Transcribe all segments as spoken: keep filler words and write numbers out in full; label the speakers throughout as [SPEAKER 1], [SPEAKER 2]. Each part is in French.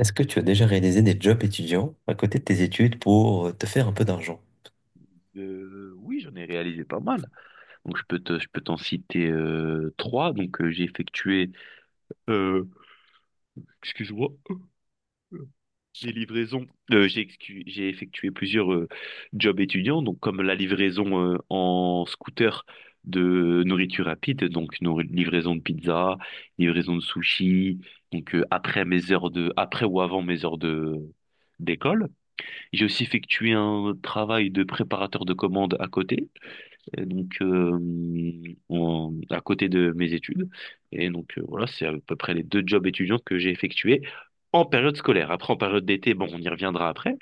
[SPEAKER 1] Est-ce que tu as déjà réalisé des jobs étudiants à côté de tes études pour euh, te faire un peu d'argent?
[SPEAKER 2] Euh, oui, j'en ai réalisé pas mal. Donc je peux te, je peux t'en citer euh, trois. Donc euh, j'ai effectué, euh, excuse-moi, euh, les livraisons. Euh, j'ai excu- j'ai effectué plusieurs euh, jobs étudiants. Donc comme la livraison euh, en scooter de nourriture rapide, donc nourri- livraison de pizza, livraison de sushi. Donc euh, après mes heures de, après ou avant mes heures de d'école. J'ai aussi effectué un travail de préparateur de commandes à côté. Et donc, euh, en- à côté de mes études. Et donc, euh, voilà, c'est à peu près les deux jobs étudiants que j'ai effectués en période scolaire. Après, en période d'été, bon, on y reviendra après.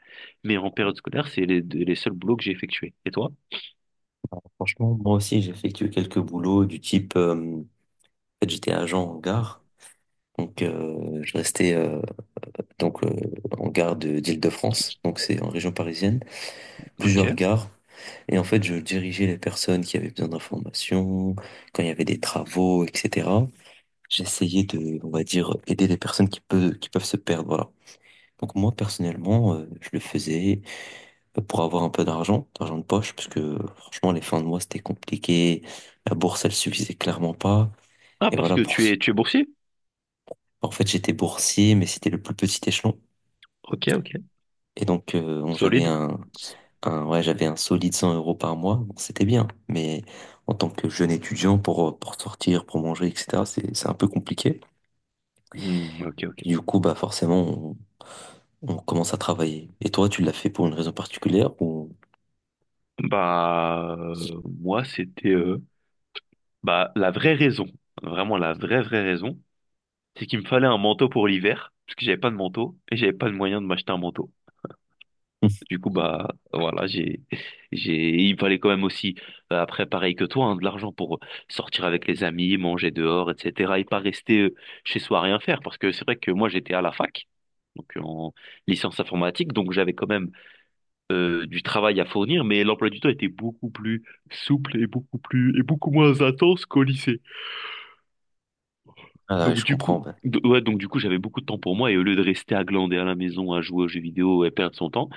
[SPEAKER 2] Mais en période scolaire, c'est les, les seuls boulots que j'ai effectués. Et toi?
[SPEAKER 1] Franchement, moi aussi, j'ai effectué quelques boulots du type, euh, en fait, j'étais agent en gare, donc euh, je restais euh, donc euh, en gare de d'Île-de-France, donc c'est en région parisienne, plusieurs
[SPEAKER 2] Ok.
[SPEAKER 1] gares, et en fait, je dirigeais les personnes qui avaient besoin d'informations, quand il y avait des travaux, et cetera. J'essayais de, on va dire, aider les personnes qui peuvent qui peuvent se perdre, voilà. Donc moi, personnellement, euh, je le faisais pour avoir un peu d'argent, d'argent de poche, parce que franchement, les fins de mois, c'était compliqué. La bourse, elle suffisait clairement pas.
[SPEAKER 2] Ah,
[SPEAKER 1] Et
[SPEAKER 2] parce
[SPEAKER 1] voilà,
[SPEAKER 2] que
[SPEAKER 1] pour...
[SPEAKER 2] tu
[SPEAKER 1] ce-
[SPEAKER 2] es, tu es boursier?
[SPEAKER 1] en fait, j'étais boursier, mais c'était le plus petit échelon.
[SPEAKER 2] Ok, ok.
[SPEAKER 1] Et donc, euh, on- j'avais
[SPEAKER 2] Solide.
[SPEAKER 1] un, un, ouais, j'avais un solide cent euros par mois. Bon, c'était bien, mais en tant que jeune étudiant, pour, pour sortir, pour manger, et cetera, c'est, c'est un peu compliqué.
[SPEAKER 2] Hmm, ok, ok.
[SPEAKER 1] Et du coup, bah, forcément, on, on commence à travailler. Et toi, tu l'as fait pour une raison particulière ou...
[SPEAKER 2] Bah, euh, moi, c'était euh, bah, la vraie raison, vraiment la vraie, vraie raison, c'est qu'il me fallait un manteau pour l'hiver, parce que j'avais pas de manteau et j'avais pas de moyen de m'acheter un manteau. Du coup, bah voilà, j'ai, j'ai, il me fallait quand même aussi, euh, après, pareil que toi, hein, de l'argent pour sortir avec les amis, manger dehors, et cetera. Et pas rester euh, chez soi à rien faire. Parce que c'est vrai que moi, j'étais à la fac, donc en licence informatique, donc j'avais quand même euh, du travail à fournir, mais l'emploi du temps était beaucoup plus souple et beaucoup plus et beaucoup moins intense qu'au lycée.
[SPEAKER 1] Ah, ouais,
[SPEAKER 2] Donc
[SPEAKER 1] je
[SPEAKER 2] du
[SPEAKER 1] comprends,
[SPEAKER 2] coup,
[SPEAKER 1] bah.
[SPEAKER 2] d- ouais, donc du coup, j'avais beaucoup de temps pour moi et au lieu de rester à glander à la maison, à jouer aux jeux vidéo et perdre son temps,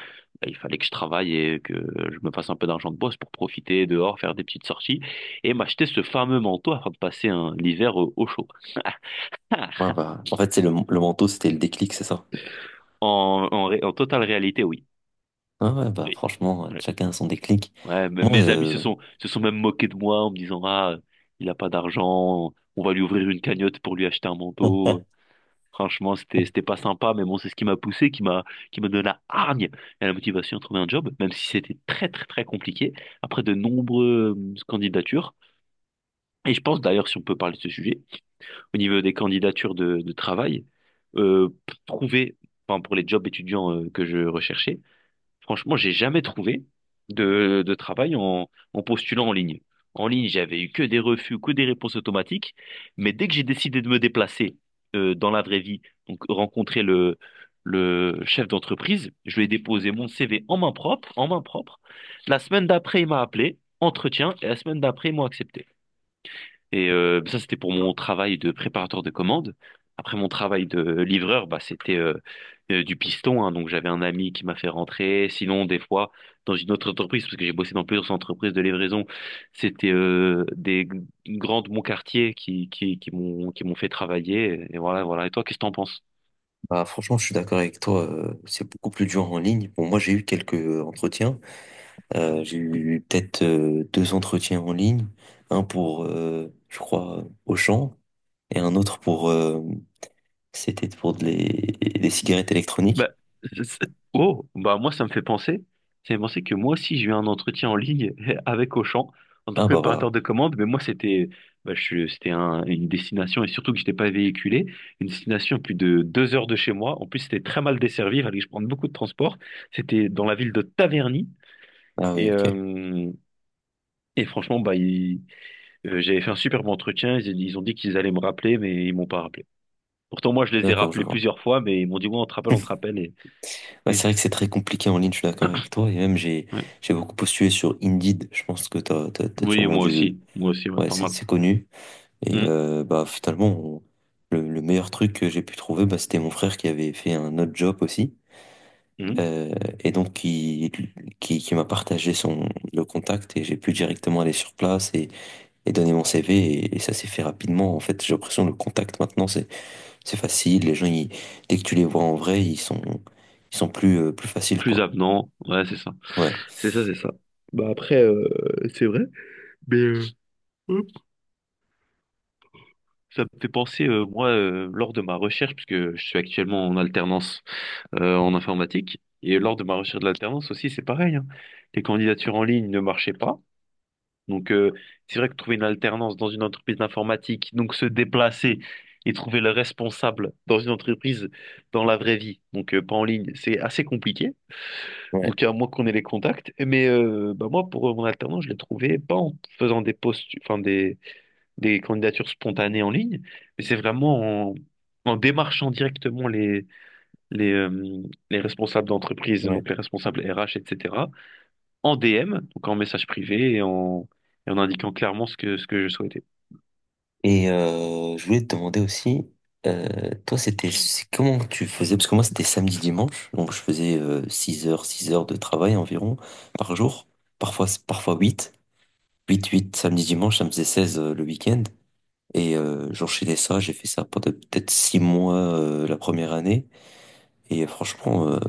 [SPEAKER 2] bah, il fallait que je travaille et que je me fasse un peu d'argent de boss pour profiter dehors, faire des petites sorties et m'acheter ce fameux manteau afin de passer un l'hiver au, au chaud. Ah
[SPEAKER 1] Ouais, bah, en fait, c'est le, le manteau, c'était le déclic, c'est ça?
[SPEAKER 2] En, en, ré- en totale réalité, oui.
[SPEAKER 1] Ah ouais, bah
[SPEAKER 2] Oui.
[SPEAKER 1] franchement, ouais,
[SPEAKER 2] Ouais.
[SPEAKER 1] chacun a son déclic.
[SPEAKER 2] Ouais, m-
[SPEAKER 1] Moi,
[SPEAKER 2] mes amis se
[SPEAKER 1] euh,
[SPEAKER 2] sont, se sont même moqués de moi en me disant, ah, il a pas d'argent, on va lui ouvrir une cagnotte pour lui acheter un manteau. Franchement, c'était, c'était pas sympa, mais bon, c'est ce qui m'a poussé, qui m'a, qui m'a donné la hargne et la motivation à trouver un job, même si c'était très, très, très compliqué, après de nombreuses candidatures. Et je pense d'ailleurs, si on peut parler de ce sujet, au niveau des candidatures de, de travail, euh, pour trouver, enfin, pour les jobs étudiants euh, que je recherchais, franchement, j'ai jamais trouvé de, de travail en, en postulant en ligne. En ligne, j'avais eu que des refus, que des réponses automatiques. Mais dès que j'ai décidé de me déplacer euh, dans la vraie vie, donc rencontrer le, le chef d'entreprise, je lui ai déposé mon C V en main propre, en main propre. La semaine d'après, il m'a appelé, entretien, et la semaine d'après, ils m'ont accepté. Et euh, ça, c'était pour mon travail de préparateur de commandes. Après mon travail de livreur, bah, c'était euh, euh, du piston, hein. Donc j'avais un ami qui m'a fait rentrer. Sinon, des fois, dans une autre entreprise, parce que j'ai bossé dans plusieurs entreprises de livraison, c'était euh, des g- grandes de mon quartier qui, qui, qui m'ont qui m'ont fait travailler. Et voilà, voilà. Et toi, qu'est-ce que t'en penses?
[SPEAKER 1] bah franchement, je suis d'accord avec toi. Euh, c'est beaucoup plus dur en ligne. Bon, moi, j'ai eu quelques euh, entretiens. Euh, j'ai eu peut-être euh, deux entretiens en ligne. Un pour, euh, je crois, Auchan, et un autre pour, euh, c'était pour de les- des cigarettes
[SPEAKER 2] Bah,
[SPEAKER 1] électroniques.
[SPEAKER 2] c'est- c'est- oh, bah moi ça me fait penser, ça me fait penser que moi aussi j'ai eu un entretien en ligne avec Auchan en tant que
[SPEAKER 1] Ah bah voilà.
[SPEAKER 2] préparateur de commande, mais moi c'était, bah, je suis- c'était un- une destination et surtout que j'étais pas véhiculé, une destination à plus de deux heures de chez moi. En plus c'était très mal desservi, il fallait que je prenne beaucoup de transport. C'était dans la ville de Taverny
[SPEAKER 1] Ah oui,
[SPEAKER 2] et
[SPEAKER 1] ok.
[SPEAKER 2] euh, et franchement bah ils- euh, j'avais fait un superbe entretien, ils, ils ont dit qu'ils allaient me rappeler, mais ils m'ont pas rappelé. Pourtant moi je les ai
[SPEAKER 1] D'accord, je
[SPEAKER 2] rappelés
[SPEAKER 1] vois.
[SPEAKER 2] plusieurs fois, mais ils m'ont dit ouais on te rappelle, on te rappelle et
[SPEAKER 1] Ouais, c'est vrai que c'est très compliqué en ligne. Je suis d'accord avec toi. Et même j'ai, j'ai beaucoup postulé sur Indeed. Je pense que t'as, t'as, t'as
[SPEAKER 2] Oui,
[SPEAKER 1] sûrement
[SPEAKER 2] moi
[SPEAKER 1] dû.
[SPEAKER 2] aussi. Moi aussi, ouais,
[SPEAKER 1] Ouais,
[SPEAKER 2] pas
[SPEAKER 1] c'est
[SPEAKER 2] mal.
[SPEAKER 1] c'est connu. Et
[SPEAKER 2] Mm,
[SPEAKER 1] euh, bah finalement, on- le, le meilleur truc que j'ai pu trouver, bah, c'était mon frère qui avait fait un autre job aussi.
[SPEAKER 2] mm.
[SPEAKER 1] Euh, et donc qui, qui, qui m'a partagé son, le contact et j'ai pu directement aller sur place et, et donner mon C V et, et ça s'est fait rapidement. En fait, j'ai l'impression que le contact maintenant, c'est, c'est facile. Les gens, ils- dès que tu les vois en vrai, ils sont, ils sont plus, euh, plus faciles,
[SPEAKER 2] Plus
[SPEAKER 1] quoi.
[SPEAKER 2] avenant. Ouais, c'est ça.
[SPEAKER 1] Ouais.
[SPEAKER 2] C'est ça, c'est ça. Bah après, euh, c'est vrai. Mais euh, hop, ça me fait penser, euh, moi, euh, lors de ma recherche, puisque je suis actuellement en alternance euh, en informatique, et lors de ma recherche de l'alternance aussi, c'est pareil, hein. Les candidatures en ligne ne marchaient pas. Donc, euh, c'est vrai que trouver une alternance dans une entreprise d'informatique, donc se déplacer et trouver le responsable dans une entreprise dans la vraie vie, donc euh, pas en ligne, c'est assez compliqué.
[SPEAKER 1] Ouais.
[SPEAKER 2] Donc, à moins qu'on ait les contacts. Mais euh, bah moi, pour euh, mon alternance, je l'ai trouvé pas en faisant des posts, enfin des, des candidatures spontanées en ligne, mais c'est vraiment en, en démarchant directement les, les, euh, les responsables d'entreprise, donc les responsables R H, et cetera, en D M, donc en message privé et en, et en indiquant clairement ce que, ce que je souhaitais.
[SPEAKER 1] Et euh, je voulais te demander aussi, euh, toi, c'était c'est- comment tu faisais? Parce que moi, c'était samedi, dimanche, donc je faisais euh, six heures, six heures de travail environ par jour, parfois, parfois huit huit huit samedi, dimanche, ça me faisait seize euh, le week-end. Et euh, j'enchaînais ça, j'ai fait ça pendant peut-être six mois euh, la première année. Et franchement, euh,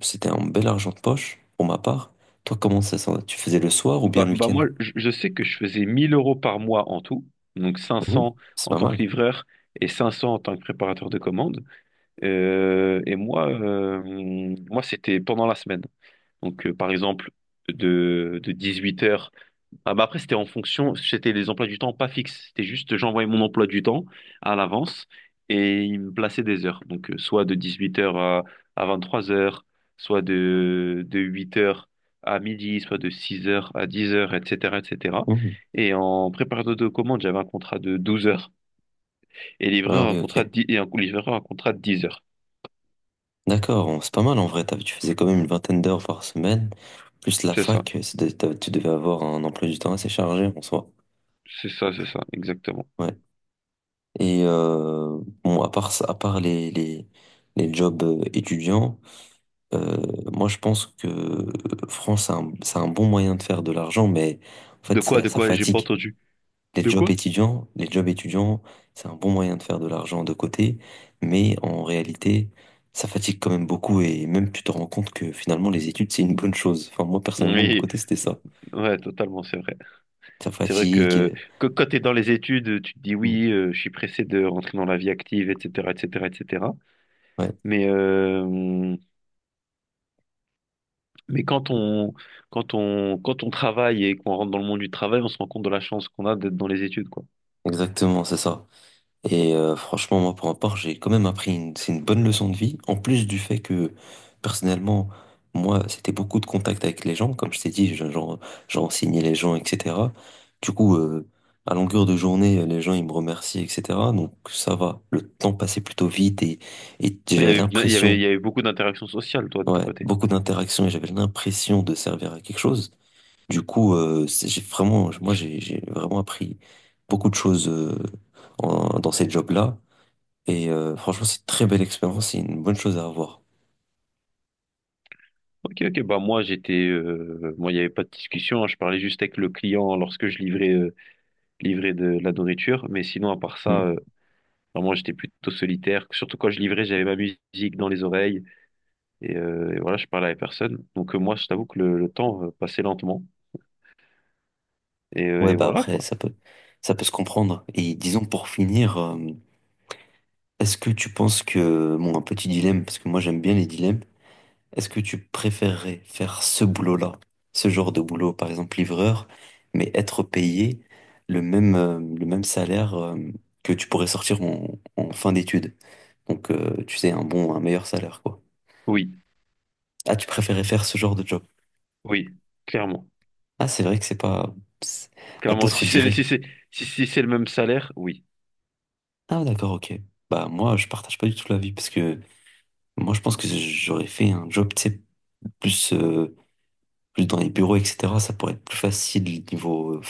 [SPEAKER 1] c'était un bel argent de poche pour ma part. Toi, comment ça, ça- tu faisais le soir ou bien
[SPEAKER 2] Bah,
[SPEAKER 1] le
[SPEAKER 2] bah
[SPEAKER 1] week-end?
[SPEAKER 2] moi, je, je sais que je faisais mille euros par mois en tout, donc
[SPEAKER 1] Mhm.
[SPEAKER 2] cinq cents
[SPEAKER 1] C'est
[SPEAKER 2] en
[SPEAKER 1] pas
[SPEAKER 2] tant
[SPEAKER 1] mal.
[SPEAKER 2] que livreur et cinq cents en tant que préparateur de commandes. Euh, et moi, euh, Moi c'était pendant la semaine. Donc, euh, par exemple, de, de dix-huit heures. Ah, bah après, c'était en fonction, c'était les emplois du temps pas fixes. C'était juste, j'envoyais mon emploi du temps à l'avance et il me plaçait des heures. Donc, euh, soit de dix-huit heures à, à vingt-trois heures, soit de, de huit heures à midi, soit de six heures à dix heures, et cetera, et cetera. Et cetera.
[SPEAKER 1] Mhm.
[SPEAKER 2] Et en préparateur de commande, j'avais un contrat de douze heures et
[SPEAKER 1] Ah
[SPEAKER 2] livreur un
[SPEAKER 1] oui,
[SPEAKER 2] contrat de
[SPEAKER 1] ok.
[SPEAKER 2] dix, et un livreur un contrat de dix heures.
[SPEAKER 1] D'accord, on- c'est pas mal en vrai. T'avais- Tu faisais quand même une vingtaine d'heures par semaine. Plus la
[SPEAKER 2] C'est ça.
[SPEAKER 1] fac, c'est de- t'avais- tu devais avoir un emploi du temps assez chargé en soi.
[SPEAKER 2] C'est ça, c'est ça, exactement.
[SPEAKER 1] Ouais. Et euh, bon, à part, ça- à part les, les, les jobs euh, étudiants, euh, moi je pense que France, c'est un, c'est un bon moyen de faire de l'argent, mais en
[SPEAKER 2] De
[SPEAKER 1] fait,
[SPEAKER 2] quoi,
[SPEAKER 1] ça,
[SPEAKER 2] de
[SPEAKER 1] ça
[SPEAKER 2] quoi, j'ai pas
[SPEAKER 1] fatigue.
[SPEAKER 2] entendu.
[SPEAKER 1] Les
[SPEAKER 2] De
[SPEAKER 1] jobs
[SPEAKER 2] quoi?
[SPEAKER 1] étudiants, les jobs étudiants, c'est un bon moyen de faire de l'argent de côté, mais en réalité, ça fatigue quand même beaucoup et même tu te rends compte que finalement les études, c'est une bonne chose. Enfin, moi personnellement, de mon
[SPEAKER 2] Oui,
[SPEAKER 1] côté, c'était ça.
[SPEAKER 2] ouais, totalement, c'est vrai.
[SPEAKER 1] Ça
[SPEAKER 2] C'est vrai que,
[SPEAKER 1] fatigue.
[SPEAKER 2] que quand tu es dans les études, tu te dis
[SPEAKER 1] euh,
[SPEAKER 2] oui, euh, je suis pressé de rentrer dans la vie active, et cetera, et cetera, et cetera.
[SPEAKER 1] Ouais,
[SPEAKER 2] Mais, euh, mais quand on, quand on, quand on travaille et qu'on rentre dans le monde du travail, on se rend compte de la chance qu'on a d'être dans les études, quoi.
[SPEAKER 1] exactement, c'est ça. Et euh, franchement, moi, pour ma part, j'ai quand même appris une, c'est une bonne leçon de vie, en plus du fait que, personnellement, moi, c'était beaucoup de contact avec les gens, comme je t'ai dit, je- j'en j'en signais les gens, et cetera. Du coup, euh, à longueur de journée, euh, les gens, ils me remercient, et cetera. Donc, ça va, le temps passait plutôt vite et, et
[SPEAKER 2] Toi, il y
[SPEAKER 1] j'avais
[SPEAKER 2] avait, il y avait, il
[SPEAKER 1] l'impression,
[SPEAKER 2] y avait beaucoup d'interactions sociales, toi, de ton
[SPEAKER 1] ouais,
[SPEAKER 2] côté.
[SPEAKER 1] beaucoup d'interactions et j'avais l'impression de servir à quelque chose. Du coup, euh, c'est- j'ai vraiment, moi, j'ai j'ai vraiment appris beaucoup de choses euh, en- dans ces jobs-là. Et euh, franchement, c'est une très belle expérience, c'est une bonne chose à avoir.
[SPEAKER 2] Ok, ok, bah moi, j'étais, euh, moi, il n'y avait pas de discussion, hein, je parlais juste avec le client lorsque je livrais. Euh, livrer de, de la nourriture. Mais sinon, à part ça,
[SPEAKER 1] Mm.
[SPEAKER 2] euh, vraiment, j'étais plutôt solitaire. Surtout quand je livrais, j'avais ma musique dans les oreilles. Et, euh, et voilà, je parlais à personne. Donc, euh, moi, je t'avoue que le, le temps euh, passait lentement. Et, euh,
[SPEAKER 1] Ouais,
[SPEAKER 2] et
[SPEAKER 1] bah
[SPEAKER 2] voilà,
[SPEAKER 1] après,
[SPEAKER 2] quoi.
[SPEAKER 1] ça peut, ça peut se comprendre. Et disons pour finir, euh, est-ce que tu penses que, bon, un petit dilemme, parce que moi j'aime bien les dilemmes, est-ce que tu préférerais faire ce boulot-là, ce genre de boulot, par exemple livreur, mais être payé le même, euh, le même salaire euh, que tu pourrais sortir en, en fin d'études? Donc, euh, tu sais, un bon, un meilleur salaire, quoi.
[SPEAKER 2] Oui,
[SPEAKER 1] Ah, tu préférais faire ce genre de job?
[SPEAKER 2] oui, clairement.
[SPEAKER 1] Ah, c'est vrai que c'est pas... c'est- bah,
[SPEAKER 2] Clairement,
[SPEAKER 1] d'autres
[SPEAKER 2] si c'est le,
[SPEAKER 1] diraient.
[SPEAKER 2] si c'est, si, si c'est le même salaire, oui.
[SPEAKER 1] Ah d'accord, ok. Bah moi je partage pas du tout l'avis parce que moi je pense que j'aurais fait un job, tu sais, plus, euh, plus dans les bureaux, et cetera. Ça pourrait être plus facile niveau euh,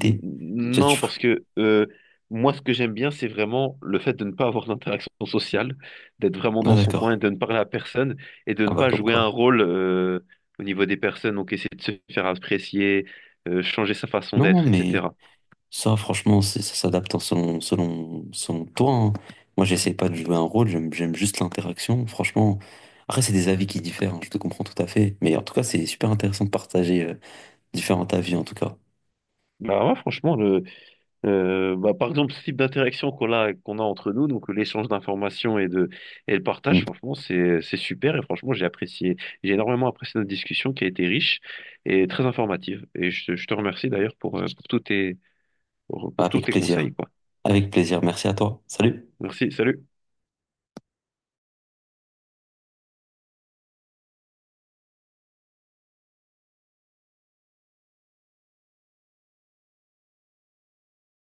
[SPEAKER 2] N-
[SPEAKER 1] Tu vois, tu
[SPEAKER 2] Non,
[SPEAKER 1] ferais.
[SPEAKER 2] parce que euh, moi, ce que j'aime bien, c'est vraiment le fait de ne pas avoir d'interaction sociale, d'être vraiment
[SPEAKER 1] Ah
[SPEAKER 2] dans son coin, et
[SPEAKER 1] d'accord.
[SPEAKER 2] de ne parler à personne et de ne
[SPEAKER 1] Ah bah
[SPEAKER 2] pas
[SPEAKER 1] comme
[SPEAKER 2] jouer un
[SPEAKER 1] quoi.
[SPEAKER 2] rôle euh, au niveau des personnes, donc essayer de se faire apprécier, euh, changer sa façon
[SPEAKER 1] Non
[SPEAKER 2] d'être,
[SPEAKER 1] mais
[SPEAKER 2] et cetera.
[SPEAKER 1] ça franchement c'est- ça s'adapte en selon, selon, selon toi, hein. Moi j'essaie pas de jouer un rôle, j'aime j'aime juste l'interaction. Franchement, après c'est des avis qui diffèrent, hein, je te comprends tout à fait. Mais en tout cas c'est super intéressant de partager euh, différents avis en tout cas.
[SPEAKER 2] Bah ouais, franchement, le- Euh, bah, par exemple, ce type d'interaction qu'on a, qu'on a entre nous, donc l'échange d'informations et de, et le
[SPEAKER 1] Mm.
[SPEAKER 2] partage, franchement, c'est, c'est super. Et franchement, j'ai apprécié, j'ai énormément apprécié notre discussion qui a été riche et très informative. Et je, te- je te remercie d'ailleurs pour, euh, pour tous tes, pour, pour tous
[SPEAKER 1] Avec
[SPEAKER 2] tes
[SPEAKER 1] plaisir.
[SPEAKER 2] conseils, quoi.
[SPEAKER 1] Avec plaisir, merci à toi. Salut.
[SPEAKER 2] Merci, salut.